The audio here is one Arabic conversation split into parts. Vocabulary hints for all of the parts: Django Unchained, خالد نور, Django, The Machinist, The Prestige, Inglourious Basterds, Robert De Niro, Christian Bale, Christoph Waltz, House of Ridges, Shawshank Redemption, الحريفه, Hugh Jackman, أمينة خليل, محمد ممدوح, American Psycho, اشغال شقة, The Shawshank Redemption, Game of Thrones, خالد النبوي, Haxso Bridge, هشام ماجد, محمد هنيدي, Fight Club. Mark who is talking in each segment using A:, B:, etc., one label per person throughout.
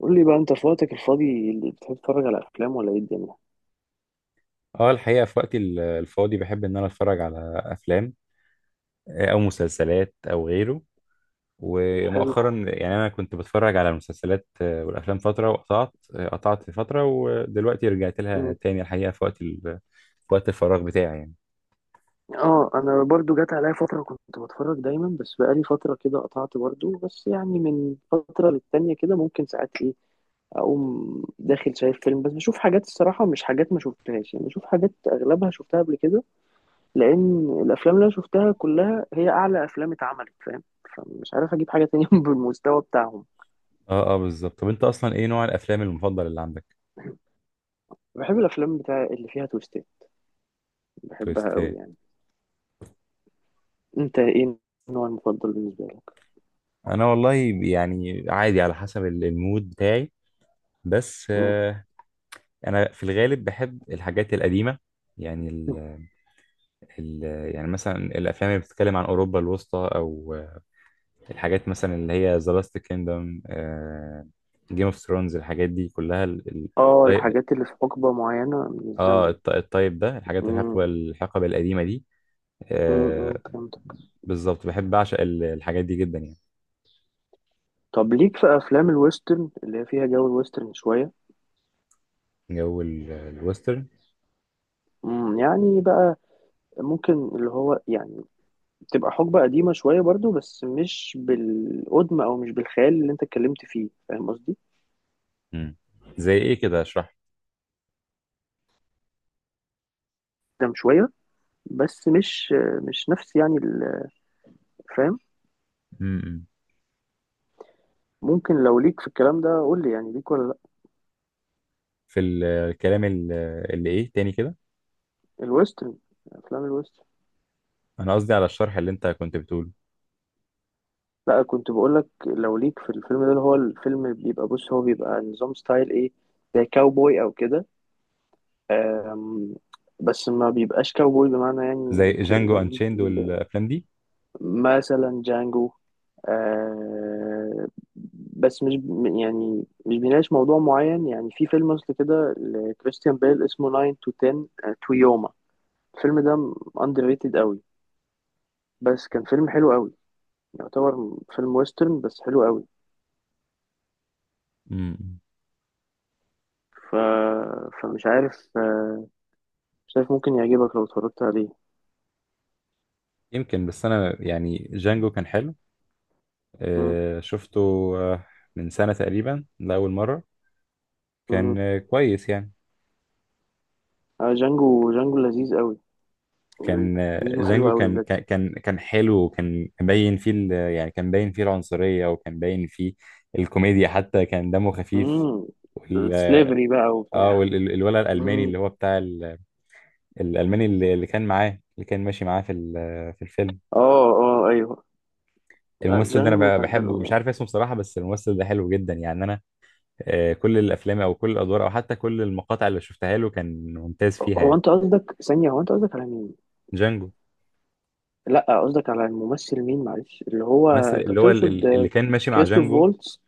A: قول لي بقى انت في وقتك الفاضي اللي بتحب تتفرج على افلام ولا ايه الدنيا.
B: اه، الحقيقة في وقتي الفاضي بحب ان انا اتفرج على افلام، او مسلسلات او غيره.
A: حلو.
B: ومؤخرا يعني انا كنت بتفرج على المسلسلات والافلام فترة، وقطعت، آه، قطعت في فترة، ودلوقتي رجعت لها
A: مم.
B: تاني. الحقيقة في وقت في وقت الفراغ بتاعي يعني.
A: اه انا برضو جات عليا فتره كنت بتفرج دايما، بس بقالي فتره كده قطعت برضو، بس يعني من فتره للتانيه كده ممكن ساعات ايه اقوم داخل شايف فيلم، بس بشوف حاجات الصراحه مش حاجات ما شفتهاش، يعني بشوف حاجات اغلبها شفتها قبل كده، لان الافلام اللي انا شفتها كلها هي اعلى افلام اتعملت، فاهم. فمش عارف اجيب حاجه تانية بالمستوى بتاعهم.
B: اه، اه، بالظبط. طب انت اصلا ايه نوع الافلام المفضل اللي عندك؟
A: بحب الافلام بتاع اللي فيها تويستات، بحبها قوي
B: تويستات.
A: يعني. انت ايه النوع المفضل بالنسبة لك؟
B: انا والله يعني عادي، على حسب المود بتاعي، بس
A: مم.
B: انا في الغالب بحب الحاجات القديمة يعني ال- يعني مثلا الافلام اللي بتتكلم عن اوروبا الوسطى، او الحاجات مثلا اللي هي ذا لاست كيندم، جيم اوف ثرونز، الحاجات دي كلها
A: اه الحاجات اللي في حقبة معينة من
B: اه،
A: الزمن.
B: الطيب ده، الحاجات
A: مم.
B: الحقبه القديمه دي.
A: مم. مم.
B: آه
A: فهمت.
B: بالظبط، بحب اعشق الحاجات دي جدا يعني.
A: طب ليك في افلام الويسترن اللي هي فيها جو الويسترن شوية؟
B: جو الويسترن.
A: مم. يعني بقى ممكن اللي هو يعني تبقى حقبة قديمة شوية برضو، بس مش بالقدم او مش بالخيال اللي انت اتكلمت فيه، فاهم قصدي.
B: مم. زي ايه كده؟ اشرح.
A: قدام شوية، بس مش نفس يعني ال-، فاهم.
B: مم.
A: ممكن لو ليك في الكلام ده قول لي، يعني ليك ولا لا.
B: في الكلام اللي ايه تاني كده؟
A: الويسترن، افلام الويسترن.
B: انا قصدي على الشرح اللي انت كنت بتقوله.
A: لا كنت بقولك لو ليك في الفيلم ده، اللي هو الفيلم بيبقى، بص هو بيبقى نظام ستايل ايه زي كاوبوي او كده، أم، بس ما بيبقاش كاوبوي بمعنى
B: زي
A: يعني كده
B: جانجو انشيند والافلام دي.
A: مثلا جانجو، أه، بس مش ب- يعني مش بيناقش موضوع معين، يعني في فيلم اصل كده لكريستيان بيل اسمه 9 to 10 تو يوما. الفيلم ده underrated قوي، بس كان فيلم حلو قوي، يعتبر فيلم ويسترن بس حلو قوي.
B: مم.
A: ف... فمش عارف، مش عارف ممكن يعجبك لو اتفرجت عليه.
B: يمكن، بس انا يعني جانجو كان حلو.
A: مم.
B: شفته آه، من سنة تقريبا لأول مرة.
A: مم.
B: كان كويس يعني.
A: آه جانجو، جانجو لذيذ قوي،
B: كان
A: لذيذ وحلو
B: جانجو
A: قوي
B: كان
A: بجد.
B: كان كان كان حلو، وكان باين فيه يعني كان باين فيه العنصرية، وكان باين فيه الكوميديا، حتى كان دمه خفيف.
A: مم.
B: وال
A: سليفري بقى
B: اه،
A: وبتاع.
B: والولد الألماني
A: مم.
B: اللي هو بتاع الألماني اللي كان معاه، اللي كان ماشي معاه في في الفيلم.
A: اه اه ايوه، لا
B: الممثل ده
A: جانجو
B: انا
A: كان
B: بحبه، مش
A: حلو.
B: عارف اسمه بصراحة، بس الممثل ده حلو جدا يعني. انا كل الافلام او كل الادوار او حتى كل المقاطع اللي شفتها له كان ممتاز فيها
A: هو
B: يعني.
A: انت قصدك ثانية، هو انت قصدك على مين؟
B: جانجو.
A: لا قصدك على الممثل مين، معلش اللي هو
B: ممثل
A: انت
B: اللي هو
A: تقصد
B: اللي كان ماشي مع
A: كريستوف
B: جانجو،
A: وولتز؟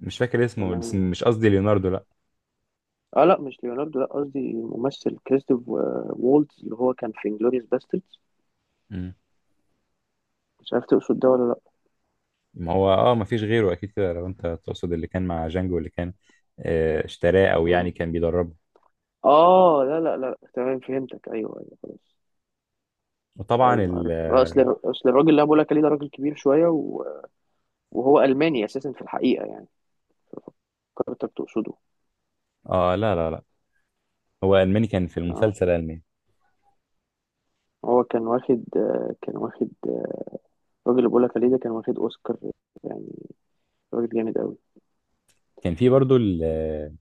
B: مش فاكر اسمه،
A: ولا
B: بس
A: مين؟
B: مش قصدي ليوناردو، لا.
A: اه لا مش ليوناردو، لا قصدي الممثل كريستوف وولتز اللي هو كان في انجلوريوس باستردز.
B: مم.
A: مش عارف تقصد ده ولا
B: ما هو ما فيش غيره اكيد كده لو انت تقصد اللي كان مع جانجو، اللي كان اشتراه او يعني
A: لا.
B: كان بيدربه.
A: اه لا تمام فهمتك، ايوه ايوه خلاص.
B: وطبعا
A: ايوه عرفت، اصل الراجل اللي انا بقول لك عليه ده راجل كبير شويه و... وهو الماني اساسا في الحقيقه يعني، فكرتك تقصده.
B: اه، لا، لا، لا، هو الماني كان في
A: اه
B: المسلسل الماني.
A: هو كان واخد الراجل اللي بقول لك عليه ده كان واخد اوسكار يعني، راجل جامد قوي.
B: كان في برضو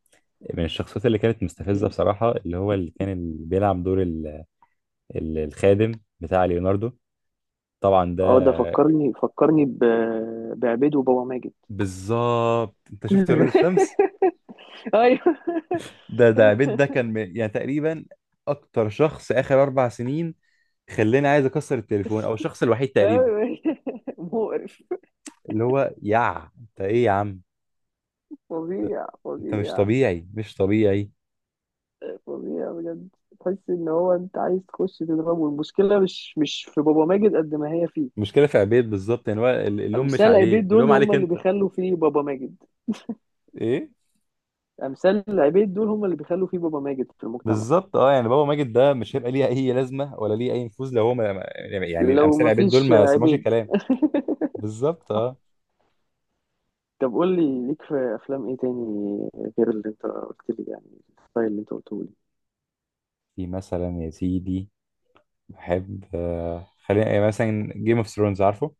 B: من الشخصيات اللي كانت مستفزه بصراحه، اللي هو اللي كان بيلعب دور الخادم بتاع ليوناردو. طبعا ده.
A: اه ده فكرني، فكرني ب... بعبيد وبابا ماجد.
B: بالظبط، انت شفت ولاد الشمس.
A: ايوه
B: ده عبيد ده كان يعني تقريبا اكتر شخص اخر 4 سنين خلاني عايز اكسر التليفون، او الشخص الوحيد تقريبا
A: أيوة. مقرف،
B: اللي هو انت ايه يا عم؟
A: فظيع
B: انت مش
A: فظيع،
B: طبيعي، مش طبيعي.
A: فظيع بجد. تحس ان هو انت عايز تخش تضربه. المشكله مش في بابا ماجد قد ما هي فيه.
B: المشكله في عبيد بالظبط، يعني هو اللوم مش
A: امثال
B: عليه،
A: عبيد
B: اللوم
A: دول هم
B: عليك
A: اللي
B: انت.
A: بيخلوا فيه بابا ماجد،
B: ايه؟
A: امثال عبيد دول هم اللي بيخلوا فيه بابا ماجد في المجتمع.
B: بالظبط، اه، يعني بابا ماجد ده مش هيبقى ليه اي لازمه ولا ليه اي نفوذ لو هو يعني
A: لو
B: الامثال عبيد دول
A: مفيش
B: ما سمعوش
A: عبيد.
B: الكلام. بالظبط،
A: صح.
B: اه.
A: طب قول لي ليك في افلام ايه تاني غير اللي انت قلت لي يعني، الستايل اللي انت قلته لي.
B: في مثلا يا سيدي، بحب خلينا يعني مثلا جيم اوف ثرونز، عارفه؟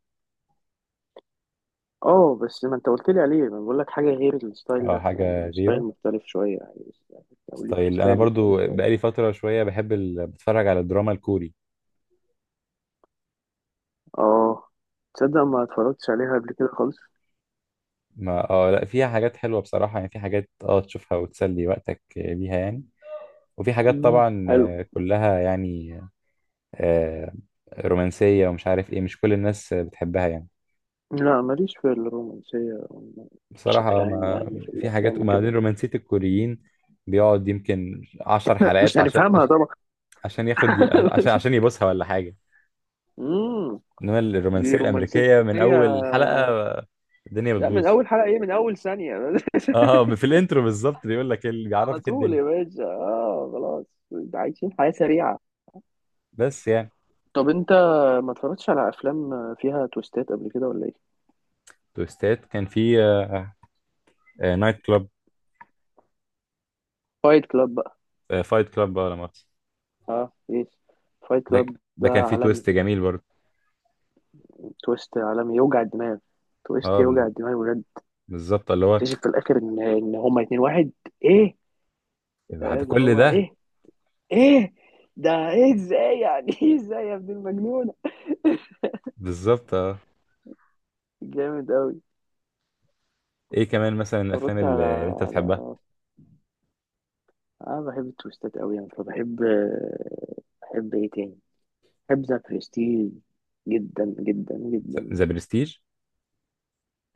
A: اه بس ما انت قلت لي عليه، انا بقول لك حاجه غير الستايل
B: اه،
A: ده، يعني
B: حاجه
A: ستايل
B: غيره.
A: مختلف شويه يعني بس- او ليك في
B: ستايل، انا
A: ستايل
B: برضو
A: مختلف شويه.
B: بقالي فتره شويه بحب بتفرج على الدراما الكوري.
A: اه تصدق ما اتفرجتش عليها قبل كده خالص.
B: ما لا، فيها حاجات حلوه بصراحه يعني، في حاجات تشوفها وتسلي وقتك بيها يعني. وفي حاجات
A: مم.
B: طبعا
A: حلو.
B: كلها يعني آه، رومانسيه ومش عارف ايه، مش كل الناس بتحبها يعني.
A: لا ماليش في الرومانسية بشكل
B: بصراحه
A: عام،
B: ما
A: يعني في
B: في حاجات،
A: الأفلام
B: وبعدين
A: وكده.
B: رومانسيه، الكوريين بيقعد يمكن عشر
A: مش
B: حلقات
A: هنفهمها طبعا
B: عشان ياخد عشان يبصها ولا حاجه.
A: مم.
B: انما
A: دي
B: الرومانسيه
A: رومانسية؟
B: الامريكيه من اول حلقه الدنيا
A: لا من
B: بتبوظ.
A: أول حلقة إيه، من أول ثانية
B: اه، في الانترو بالظبط بيقول لك، اللي
A: على
B: بيعرفك
A: طول
B: الدنيا.
A: يا باشا، آه خلاص، ده عايشين حياة سريعة.
B: بس يعني.
A: طب أنت ما اتفرجتش على أفلام فيها تويستات قبل كده ولا إيه؟
B: تويستات كان في نايت كلاب.
A: فايت كلاب بقى.
B: فايت كلاب، اه لا مؤاخذة.
A: آه يس، فايت
B: ده
A: كلاب ده
B: كان في
A: عالمي،
B: تويست جميل برضه.
A: تويست عالمي يوجع الدماغ، تويست
B: اه،
A: يوجع الدماغ بجد.
B: بالظبط، اللي هو
A: اكتشف في الاخر ان هما اتنين واحد. ايه،
B: بعد
A: اللي
B: كل
A: هو
B: ده.
A: ايه، ايه ده، ايه ازاي يعني ايه ازاي يا ابن المجنونه،
B: بالظبط، اه.
A: جامد قوي.
B: ايه كمان مثلا الافلام
A: اتفرجت
B: اللي
A: على،
B: اللي انت بتحبها؟
A: على، انا بحب التويستات قوي يعني، فبحب، بحب ايه تاني، بحب ذا برستيج جدا جدا جدا،
B: ذا برستيج.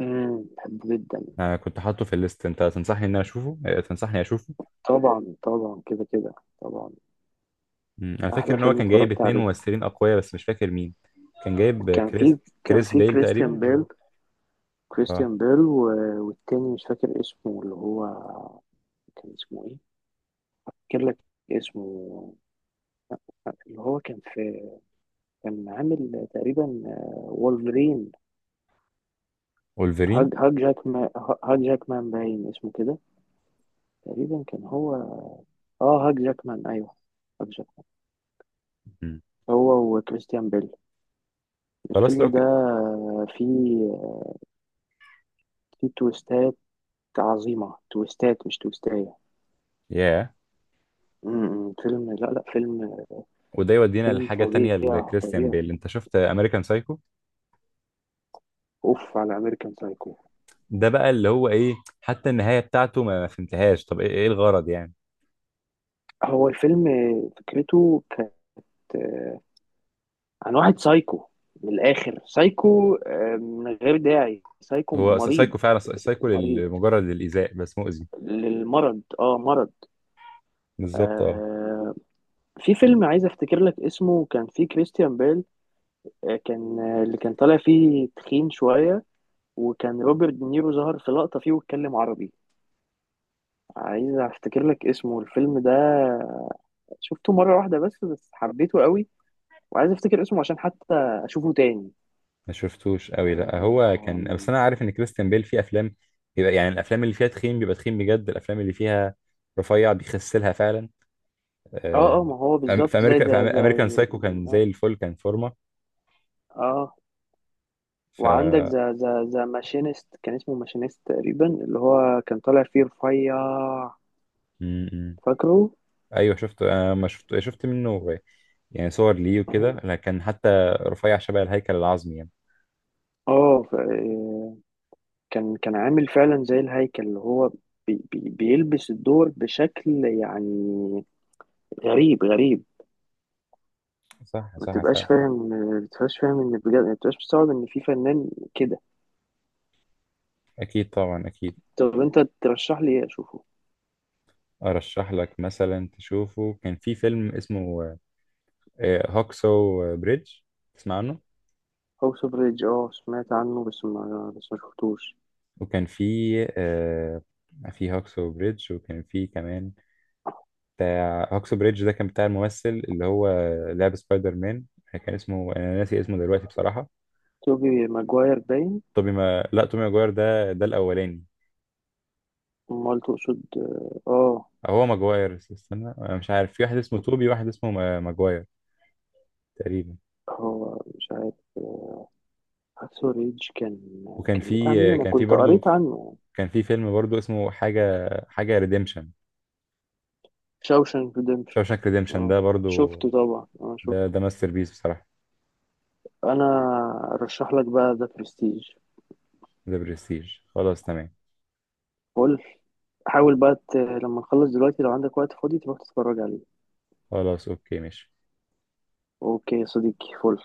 A: بحبه جدا.
B: انا كنت حاطه في الليست، انت تنصحني ان انا اشوفه؟ تنصحني اشوفه.
A: طبعا طبعا كده كده، طبعا.
B: مم. انا فاكر
A: احلى
B: ان هو
A: فيلم
B: كان جايب
A: اتفرجت
B: اتنين
A: عليه،
B: ممثلين اقوياء، بس مش فاكر مين. كان جايب
A: كان
B: كريس.
A: في كان
B: كريس
A: في
B: بيل
A: كريستيان
B: تقريبا، ولا؟
A: بيل،
B: اه.
A: كريستيان بيل و... والتاني مش فاكر اسمه، اللي هو كان اسمه إيه؟ افتكر لك اسمه، اللي هو كان في، كان عامل تقريبا وولفرين، هاج
B: وولفرين.
A: هاج جاكمان، هاج جاكمان باين اسمه كده تقريبا، كان هو، اه هاج جاكمان ايوه، هاج جاكمان،
B: مم.
A: هو وكريستيان بيل.
B: خلاص
A: الفيلم
B: لو
A: ده فيه، فيه تويستات عظيمة، تويستات مش تويستاية.
B: ياه.
A: م-، م، فيلم، لا لا فيلم،
B: وده يودينا
A: فيلم
B: لحاجة تانية
A: فظيع
B: لكريستيان
A: فظيع.
B: بيل، انت شفت امريكان سايكو؟
A: اوف على امريكان سايكو.
B: ده بقى اللي هو ايه، حتى النهاية بتاعته ما فهمتهاش. طب ايه، الغرض يعني؟
A: هو الفيلم فكرته كانت آه، عن واحد سايكو، من الاخر سايكو، من غير داعي سايكو
B: هو
A: مريض،
B: سايكو فعلا، سايكو
A: مريض
B: لمجرد الإيذاء، بس مؤذي.
A: للمرض، اه مرض.
B: بالظبط، اه.
A: آه في فيلم عايز افتكر لك اسمه، كان فيه كريستيان بيل، آه كان آه اللي كان طالع فيه تخين شوية، وكان روبرت دينيرو ظهر في لقطة فيه واتكلم عربي. عايز افتكر لك اسمه الفيلم ده، شفته مرة واحدة بس، بس حبيته قوي، وعايز افتكر اسمه عشان حتى اشوفه تاني.
B: ما شفتوش قوي، لا، هو كان،
A: آم،
B: بس انا عارف ان كريستيان بيل في افلام بيبقى يعني الافلام اللي فيها تخين بيبقى تخين بجد، الافلام اللي فيها رفيع بيخسلها فعلا.
A: اه
B: آه،
A: اه ما هو
B: في
A: بالظبط زي
B: امريكا في
A: ده، ده،
B: امريكان سايكو كان زي الفل، كان فورمه.
A: اه
B: ف
A: وعندك
B: م-
A: ذا ماشينيست، كان اسمه ماشينيست تقريبا، اللي هو كان طالع فيه رفيع،
B: م.
A: فاكره.
B: ايوه، شفته، انا ما شفت منه يعني صور ليه وكده، لا، كان حتى رفيع شبه الهيكل العظمي يعني.
A: اه ف- كان كان عامل فعلا زي الهيكل، اللي هو بي بيلبس الدور بشكل يعني غريب غريب.
B: صح،
A: ما
B: صح،
A: تبقاش
B: فعلا.
A: فاهم، ما تبقاش فاهم ان بجد، ما تبقاش مستوعب ان في فنان كده.
B: اكيد، طبعا اكيد.
A: طب انت ترشح لي ايه اشوفه؟
B: ارشح لك مثلا تشوفه، كان في فيلم اسمه هوكسو بريدج، تسمع عنه؟
A: هاوس اوف ريدج، اه سمعت عنه بس ما شفتوش.
B: وكان في آه في هاكسو بريدج، وكان في كمان بتاع هاكسو بريدج ده، كان بتاع الممثل اللي هو لعب سبايدر مان. كان اسمه، انا ناسي اسمه دلوقتي بصراحة.
A: توبي ماجواير باين.
B: توبي ما لا، توبي ماجواير ده الاولاني.
A: امال تقصد اه آه.
B: هو ماجواير، استنى، انا مش عارف، في واحد اسمه توبي، واحد اسمه ماجواير تقريبا.
A: هو مش عارف، هاكسو ريدج كان،
B: وكان
A: كان بتاع مين،
B: في
A: انا
B: كان في
A: كنت
B: برضو
A: قريت عنه.
B: كان في فيلم برضو اسمه حاجة حاجة ريديمشن.
A: شاوشانك ريدمبشن،
B: شاوشانك ريديمشن
A: اه
B: ده برضو.
A: شفته طبعا، اه
B: ده
A: شفته.
B: ماستر بيس بصراحة.
A: انا ارشح لك بقى ده برستيج.
B: ذا برستيج خلاص، تمام.
A: قول، حاول بقى ت- لما نخلص دلوقتي لو عندك وقت فاضي تروح تتفرج عليه.
B: خلاص، اوكي، ماشي.
A: اوكي يا صديقي، فل.